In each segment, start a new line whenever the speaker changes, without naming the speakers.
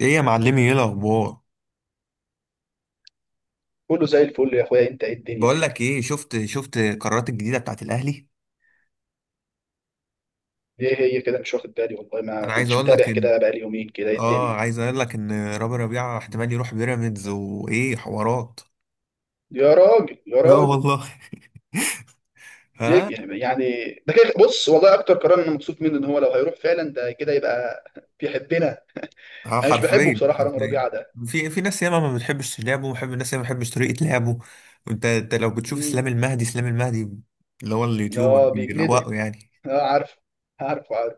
ايه يا معلمي؟ ايه الاخبار؟
كله زي الفل يا اخويا، انت ايه الدنيا
بقول
كده؟
لك ايه، شفت القرارات الجديده بتاعت الاهلي.
ايه هي كده؟ مش واخد بالي، والله ما
انا عايز
كنتش
اقول لك
متابع
ان...
كده بقالي يومين كده. ايه
اه
الدنيا؟
عايز اقول لك ان رامي ربيعه احتمال يروح بيراميدز وايه حوارات.
يا راجل يا
لا
راجل!
والله ها.
ليه يعني ده كده؟ بص، والله اكتر قرار انا مبسوط منه ان هو لو هيروح فعلا، ده كده يبقى بيحبنا.
اه
انا مش بحبه
حرفيا
بصراحه، رامي
حرفيا.
ربيعه ده.
في ناس ياما ما بتحبش لعبه، ومحب الناس ياما ما بتحبش طريقه لعبه. وانت لو بتشوف
امم.
اسلام المهدي، اسلام المهدي اللي هو اليوتيوبر،
اه، بيجلده.
بيروقه يعني.
اه عارف. عارف، عارف.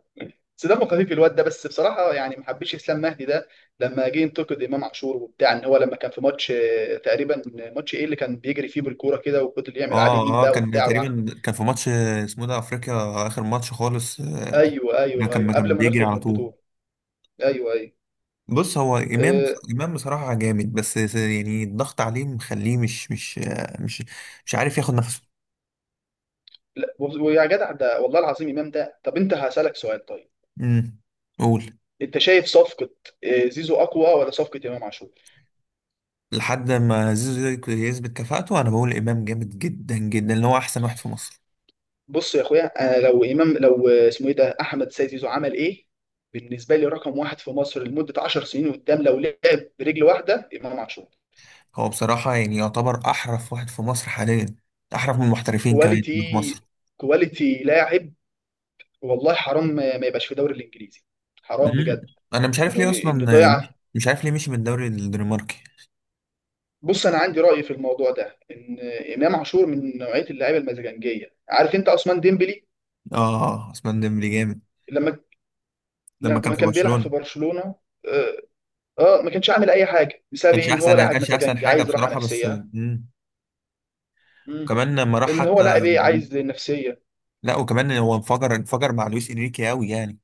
بس دمه خفيف الواد ده، بس بصراحه يعني ما حبيتش اسلام مهدي ده لما جه ينتقد امام عاشور وبتاع، ان هو لما كان في ماتش تقريبا، ماتش ايه اللي كان بيجري فيه بالكوره كده، وفضل يعمل عليه ميم
اه
بقى
كان
وبتاع.
تقريبا كان في ماتش، اسمه ده افريقيا، اخر ماتش خالص،
ايوه، ايوه،
كان،
ايوه،
ما
قبل
كان
ما
بيجري
نخرج من
على طول.
البطوله. ايوه، ايوه.
بص، هو امام،
أه.
امام بصراحه جامد. بس يعني الضغط عليه مخليه مش مش عارف ياخد نفسه.
لا، ويا جدع، ده والله العظيم امام ده. طب انت هسالك سؤال، طيب.
امم. قول.
انت شايف صفقه زيزو اقوى ولا صفقه امام عاشور؟
لحد ما زيزو يثبت كفاءته، انا بقول امام جامد جدا جدا، اللي هو احسن واحد في مصر.
بص يا اخويا، انا لو امام، لو اسمه ايه ده، احمد سيد زيزو عمل ايه، بالنسبه لي رقم واحد في مصر لمده 10 سنين قدام، لو لعب برجل واحده امام عاشور.
هو بصراحه يعني يعتبر احرف واحد في مصر حاليا، احرف من المحترفين كمان اللي في مصر.
كواليتي. كواليتي لاعب. والله حرام ما يبقاش في الدوري الانجليزي. حرام
امم.
بجد.
انا مش عارف
انه
ليه اصلا،
انه ضيع.
مش عارف ليه مشي من الدوري الدنماركي.
بص انا عندي راي في الموضوع ده، ان امام عاشور من نوعيه اللعيبه المزاجنجيه. عارف انت عثمان ديمبلي؟
اه عثمان ديمبلي جامد
لما
لما كان
لما
في
كان بيلعب في
برشلونه.
برشلونه. اه. ما كانش عامل اي حاجه، بسبب ايه؟ ان هو لاعب
كانش احسن
مزاجنجي
حاجه
عايز راحه
بصراحه. بس
نفسيه. مم.
كمان لما راح
ان هو
حتى.
لاعب ايه، عايز نفسيه.
لا وكمان هو انفجر مع لويس انريكي قوي يعني،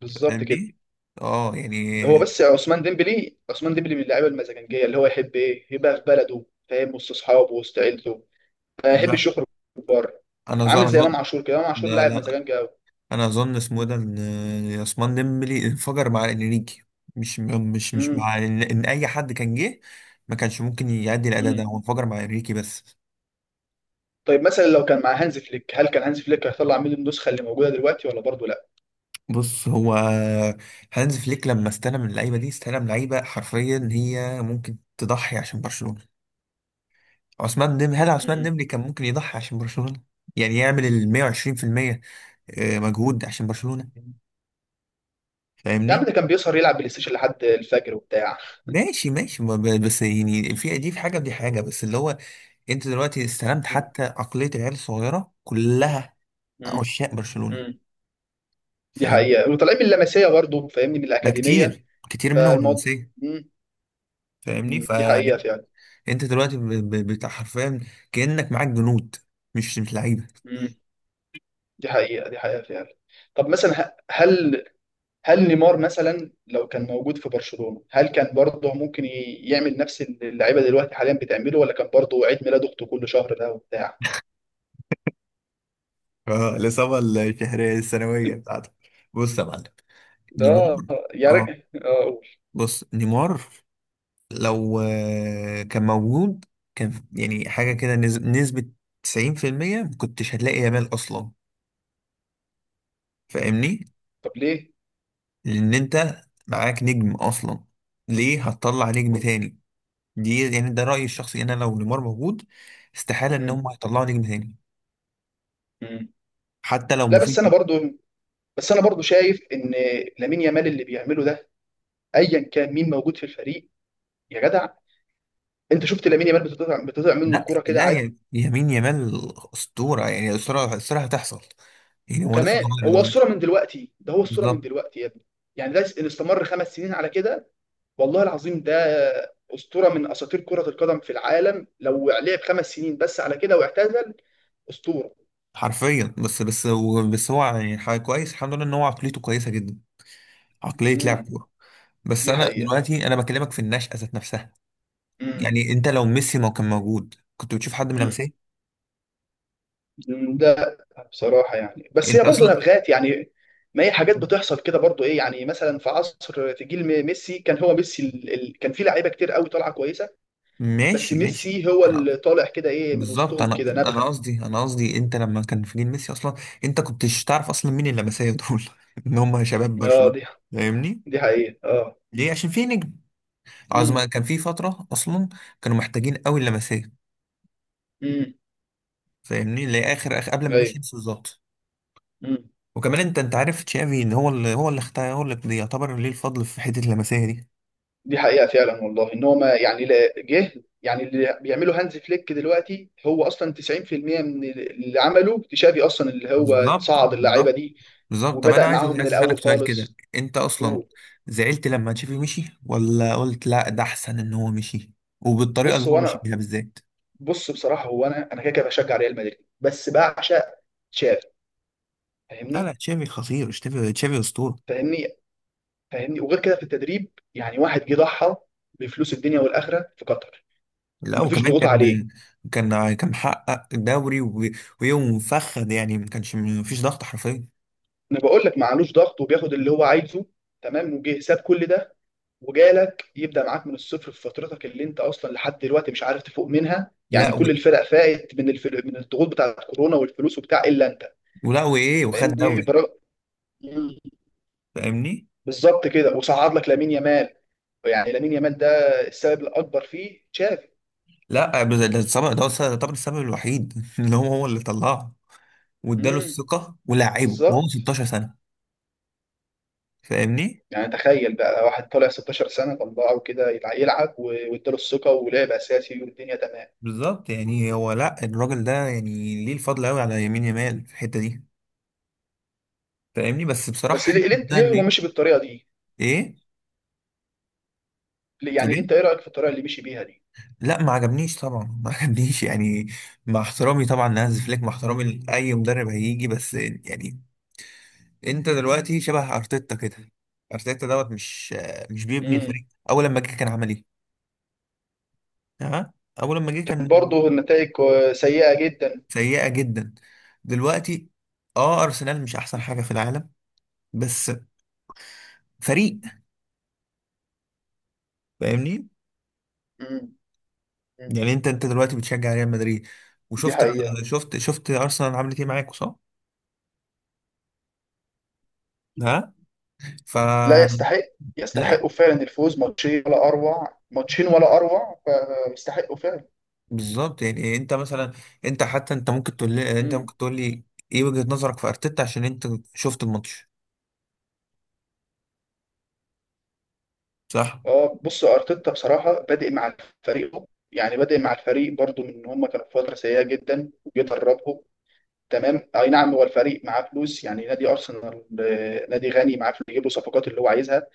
بالظبط كده.
فاهمني؟ اه
هو
يعني
بس عثمان ديمبلي من اللعيبه المزاجنجيه، اللي هو يحب ايه؟ يبقى في بلده، فاهم، وسط اصحابه، وسط عيلته. ما
لا،
يحبش يخرج بره.
انا اظن
عامل
أنا
زي
اظن.
امام عاشور كده، امام عاشور
لا
لاعب
لا،
مزاجنجي
انا اظن اسمه إيه ده، ان عثمان ديمبلي انفجر مع انريكي، مش مع ان اي حد كان جه ما كانش ممكن يأدي الاداء
قوي.
ده. هو انفجر مع انريكي بس.
طيب مثلا لو كان مع هانز فليك، هل كان هانز فليك هيطلع منه النسخه اللي موجوده دلوقتي ولا برضه لا؟
بص هو، هانز فليك لما استلم اللعيبه دي، استلم لعيبه حرفيا هي ممكن تضحي عشان برشلونه. عثمان ديمبلي، هل عثمان
امم.
ديمبلي كان ممكن يضحي عشان برشلونة؟ يعني يعمل ال 120%، مجهود عشان برشلونة،
يا عم
فاهمني؟
ده كان بيسهر يلعب بلاي ستيشن لحد الفجر وبتاع.
ماشي ماشي، ما ب- بس يعني في دي في حاجة ودي حاجة، بس اللي هو، انت دلوقتي استلمت
مم.
حتى عقلية العيال الصغيرة كلها،
مم.
عشاق برشلونة،
مم. دي
فاهمني؟
حقيقه، وطالعين من اللمسيه برضه، فاهمني، من
ده
الاكاديميه،
كتير كتير منهم
فالموضوع.
رومانسية،
مم.
فاهمني؟
مم. دي حقيقه
فانت
فعلا.
دلوقتي بتاع حرفيا، كأنك معاك جنود، مش مش لعيبة.
مم. دي حقيقه، دي حقيقه فعلا. طب مثلا هل، هل نيمار مثلا لو كان موجود في برشلونه، هل كان برضه ممكن يعمل نفس اللي اللعيبه دلوقتي حاليا بتعمله، ولا كان برضه عيد ميلاده كله شهر ده وبتاع؟
اه الإصابة الشهرية السنوية بتاعتك. بص يا معلم، نيمار،
ده، يا
اه
راجل، اه قول.
بص نيمار، لو كان موجود، كان يعني حاجة كده، نسبة 90%، ما كنتش هتلاقي يامال أصلا، فاهمني؟
طب ليه؟
لأن أنت معاك نجم أصلا، ليه هتطلع نجم تاني؟ دي يعني ده رأيي الشخصي. أنا لو نيمار موجود، استحالة إن
مم.
هم هيطلعوا نجم تاني،
مم.
حتى لو
لا بس انا
مفيد.
برضو بس انا برضو شايف ان لامين يامال اللي بيعمله ده، ايا كان مين موجود في الفريق، يا جدع، انت شفت لامين يامال؟ بتطلع منه
لا
الكرة كده
لا،
عادي.
يا يمين يامال أسطورة، يعني أسطورة، أسطورة هتحصل، يعني هو لسه
وكمان
صغير
هو
دلوقتي.
الصورة من دلوقتي، ده هو الصورة من
بالظبط.
دلوقتي يا ابني. يعني ده اللي استمر 5 سنين على كده، والله العظيم ده اسطورة من اساطير كرة القدم في العالم. لو لعب 5 سنين بس على كده واعتزل، اسطورة.
حرفيا، بس هو يعني حاجة كويس، الحمد لله ان هو عقليته كويسه جدا، عقليه لاعب
امم.
كوره. بس
دي
انا
حقيقة.
دلوقتي، انا بكلمك في النشأة ذات نفسها.
امم.
يعني انت لو ميسي ما كان موجود، كنت بتشوف حد من لمسيه؟
لا، بصراحة يعني، بس
انت
هي
اصلا،
برضه نبغات يعني. ما هي حاجات بتحصل كده برضه، ايه يعني؟ مثلا في عصر، في جيل ميسي، كان هو ميسي. كان في لعيبة كتير قوي طالعة كويسة، بس
ماشي ماشي.
ميسي هو
انا،
اللي طالع كده، ايه، من
بالظبط،
وسطهم
انا
كده
انا
نبغة.
قصدي، انت لما كان في جيل ميسي اصلا، انت كنتش تعرف اصلا مين اللمسيه دول ان هم شباب
اه
برشلونه،
دي
فاهمني؟
دي حقيقة اه.
ليه؟ عشان في نجم،
امم.
عظمة كان في فتره اصلا، كانوا محتاجين قوي اللمسيه،
امم.
فاهمني؟ لاخر اخر اخر قبل ما
ايوه.
مشي، بالظبط.
امم.
وكمان انت عارف تشافي، ان هو اللي اختار، هو اللي يعتبر ليه الفضل في حته اللمسيه دي.
دي حقيقة فعلا. والله ان هو ما يعني جه. يعني اللي بيعمله هانز فليك دلوقتي هو اصلا 90% من اللي عمله تشافي اصلا، اللي هو
بالظبط،
صعد اللعيبة
بالظبط،
دي
بالظبط. طب انا
وبدأ
عايز
معاهم من
عايز اسالك
الأول
سؤال كده.
خالص.
انت اصلا
مظبوط.
زعلت لما تشافي مشي، ولا قلت لا ده احسن ان هو مشي، وبالطريقه
بص
اللي هو
هو
مشي
انا
بيها بالذات؟
بص بصراحه هو انا كده كده بشجع ريال مدريد، بس بعشق تشافي.
لا لا،
فاهمني.
تشافي خطير، تشافي اسطوره.
فاهمني. فاهمني، وغير كده في التدريب يعني. واحد جه ضحى بفلوس الدنيا والاخره في قطر،
لا
ومفيش
وكمان
ضغوط عليه.
كان، كان محقق دوري. و- ويوم مفخد يعني، ما كانش، ما فيش ضغط حرفيا.
انا بقول لك معلوش ضغط، وبياخد اللي هو عايزه، تمام، وجه ساب كل ده وجالك يبدا معاك من الصفر في فترتك اللي انت اصلا لحد دلوقتي مش عارف تفوق منها، يعني
لا، و...
كل الفرق فاقت من الفرق، من الضغوط بتاعت كورونا والفلوس وبتاع، الا انت.
ولا وايه، وخد
فاهمني
دوري، فاهمني؟
بالظبط كده، وصعد لك لامين يامال. يعني لامين يامال ده السبب الاكبر فيه تشافي.
لا بس ده السبب، ده هو يعتبر السبب الوحيد ان هو اللي طلعه، واداله
امم.
الثقه ولاعبه وهو
بالظبط.
16 سنه، فاهمني؟
يعني تخيل بقى واحد طالع 16 سنه طلعه كده، يلعب، و- واداله الثقه، ولعب اساسي، والدنيا تمام.
بالظبط، يعني هو لا، الراجل ده يعني ليه الفضل قوي على يمين يمال في الحته دي، فاهمني؟ بس بصراحه
بس
حته
ليه، ليه
ده
ليه
انه
هو
ايه؟
مشي بالطريقه دي؟
إيه؟ تقول
يعني
ايه؟
انت ايه رايك في الطريقه اللي مشي بيها دي؟
لا، ما عجبنيش طبعا ما عجبنيش يعني. مع احترامي طبعا لهانز فليك، مع احترامي لاي مدرب هيجي، بس يعني انت دلوقتي شبه ارتيتا كده. ارتيتا دوت مش بيبني الفريق.
امم.
اول لما جه، كان عمل ايه؟ تمام. اول لما جه،
كان
كان
برضه النتائج سيئه جدا.
سيئه جدا دلوقتي. اه ارسنال مش احسن حاجه في العالم، بس فريق، فاهمني؟
امم. امم.
يعني انت دلوقتي بتشجع ريال مدريد،
دي
وشفت،
حقيقه.
شفت ارسنال عملت ايه معاك؟ صح؟ ها. ف
لا، يستحق.
لا،
يستحقوا فعلا الفوز. ماتشين ولا اروع، ماتشين ولا اروع. فيستحقوا فعلا.
بالظبط. يعني انت مثلا، انت حتى انت ممكن تقول لي،
مم.
ايه وجهة نظرك في ارتيتا؟ عشان انت شفت الماتش، صح؟
اه بص، ارتيتا بصراحه بادئ مع الفريق، يعني بادئ مع الفريق برضو من ان هم كانوا في فتره سيئه جدا، وجه دربهم، تمام. اي نعم، هو الفريق معاه فلوس، يعني نادي ارسنال نادي غني معاه فلوس يجيب له صفقات اللي هو عايزها،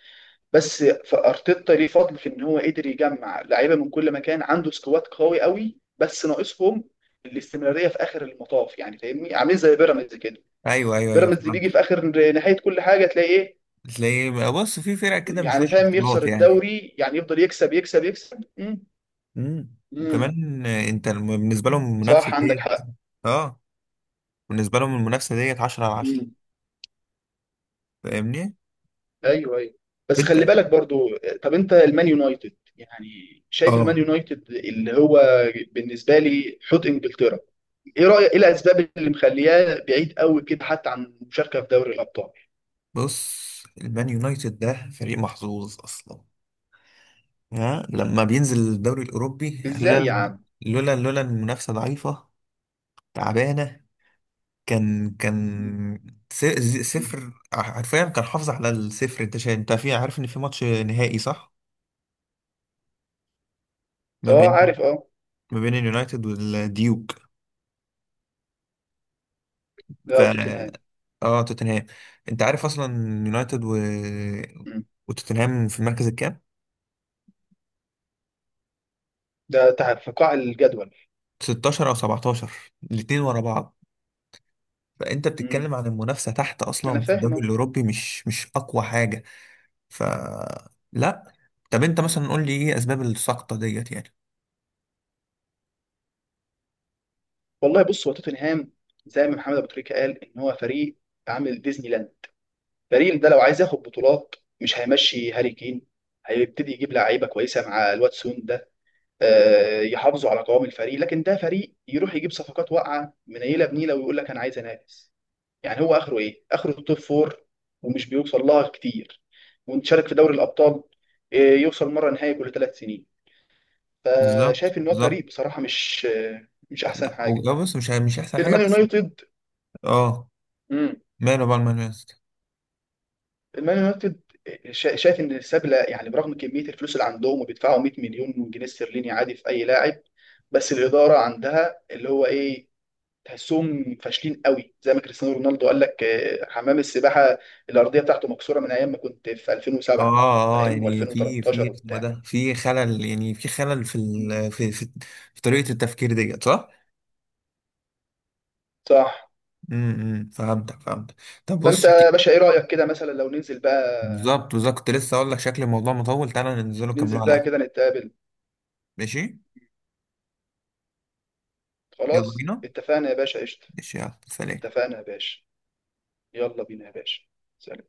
بس فارتيتا ليه فضل في ان هو قدر يجمع لعيبه من كل مكان، عنده سكواد قوي قوي، بس ناقصهم الاستمراريه في اخر المطاف. يعني فاهمني، عاملين زي بيراميدز كده.
ايوه ايوه ايوه،
بيراميدز
فهمت.
بيجي في اخر نهايه كل حاجه تلاقي ايه؟
تلاقي بص، في فرق كده مش
يعني
وش
فاهم، يخسر
بطولات يعني.
الدوري، يعني يفضل يكسب يكسب يكسب. امم.
وكمان انت بالنسبه لهم المنافسه
صح، عندك
ديت،
حق.
اه بالنسبه لهم المنافسه ديت 10 على 10،
امم.
فاهمني؟
ايوه، ايوه. بس
انت،
خلي بالك برضو، طب انت المان يونايتد يعني، شايف المان
اه
يونايتد اللي هو بالنسبه لي حوت انجلترا، ايه رايك، ايه الاسباب اللي مخلياه بعيد قوي كده حتى عن المشاركه في دوري الابطال؟
بص المان يونايتد ده فريق محظوظ اصلا. ها، لما بينزل الدوري الاوروبي.
ازاي
لولا،
يا عم؟
لولا المنافسه ضعيفه، تعبانه، كان
مم.
كان س- ز-
مم.
صفر حرفيا. كان حافظ على الصفر. انت انت في عارف ان في ماتش نهائي، صح؟ ما
اه
بين،
عارف، اه.
ما بين اليونايتد والديوك. ف
ده توتنهام.
اه توتنهام. انت عارف اصلا يونايتد، و...
مم.
وتوتنهام في المركز الكام؟
ده في قاع الجدول.
16 او 17، الاتنين ورا بعض. فانت
مم.
بتتكلم عن المنافسه تحت
انا
اصلا في
فاهم
الدوري
اهو.
الاوروبي، مش اقوى حاجه. ف لا. طب انت
مم.
مثلا قول لي ايه اسباب السقطه ديت يعني.
والله بص، هو توتنهام زي ما محمد ابو تريكه قال، ان هو فريق عامل ديزني لاند. باريس ده لو عايز ياخد بطولات، مش هيمشي هاري كين، هيبتدي يجيب لعيبه كويسه مع الواتسون ده يحافظوا على قوام الفريق، لكن ده فريق يروح يجيب صفقات واقعه منيله بنيله ويقول لك انا عايز انافس. يعني هو اخره ايه؟ اخره التوب فور، ومش بيوصل لها كتير. ونشارك في دوري الابطال، يوصل مره نهائي كل 3 سنين.
بالظبط
فشايف ان هو
بالظبط.
فريق بصراحه مش، مش احسن
لا
حاجه.
بص، مش احسن حاجه
المان
بس.
يونايتد.
اه ماله بقى المان يونايتد.
المان يونايتد، شايف ان سابله، يعني برغم كميه الفلوس اللي عندهم وبيدفعوا 100 مليون جنيه استرليني عادي في اي لاعب، بس الاداره عندها اللي هو ايه، تحسهم فاشلين قوي. زي ما كريستيانو رونالدو قال لك، حمام السباحه، الارضيه بتاعته مكسوره من ايام ما كنت في 2007،
اه،
فاهم،
يعني في
و2013
اسمه
وبتاع.
ده في خلل، يعني في خلل في
مم.
ال... في في, في طريقه التفكير ديت، صح؟
صح.
فهمتك فهمتك. طب بص،
فانت يا
شكلي
باشا ايه رايك كده مثلا، لو ننزل بقى؟
بالظبط بالظبط كنت لسه اقول لك شكل الموضوع مطول. تعالى ننزله نكمله
ننزل
على
بقى
القهوة.
كده نتقابل.
ماشي. يلا
خلاص،
بينا.
اتفقنا يا باشا، قشطه.
ماشي، يلا سلام.
اتفقنا يا باشا. يلا بينا يا باشا. سلام.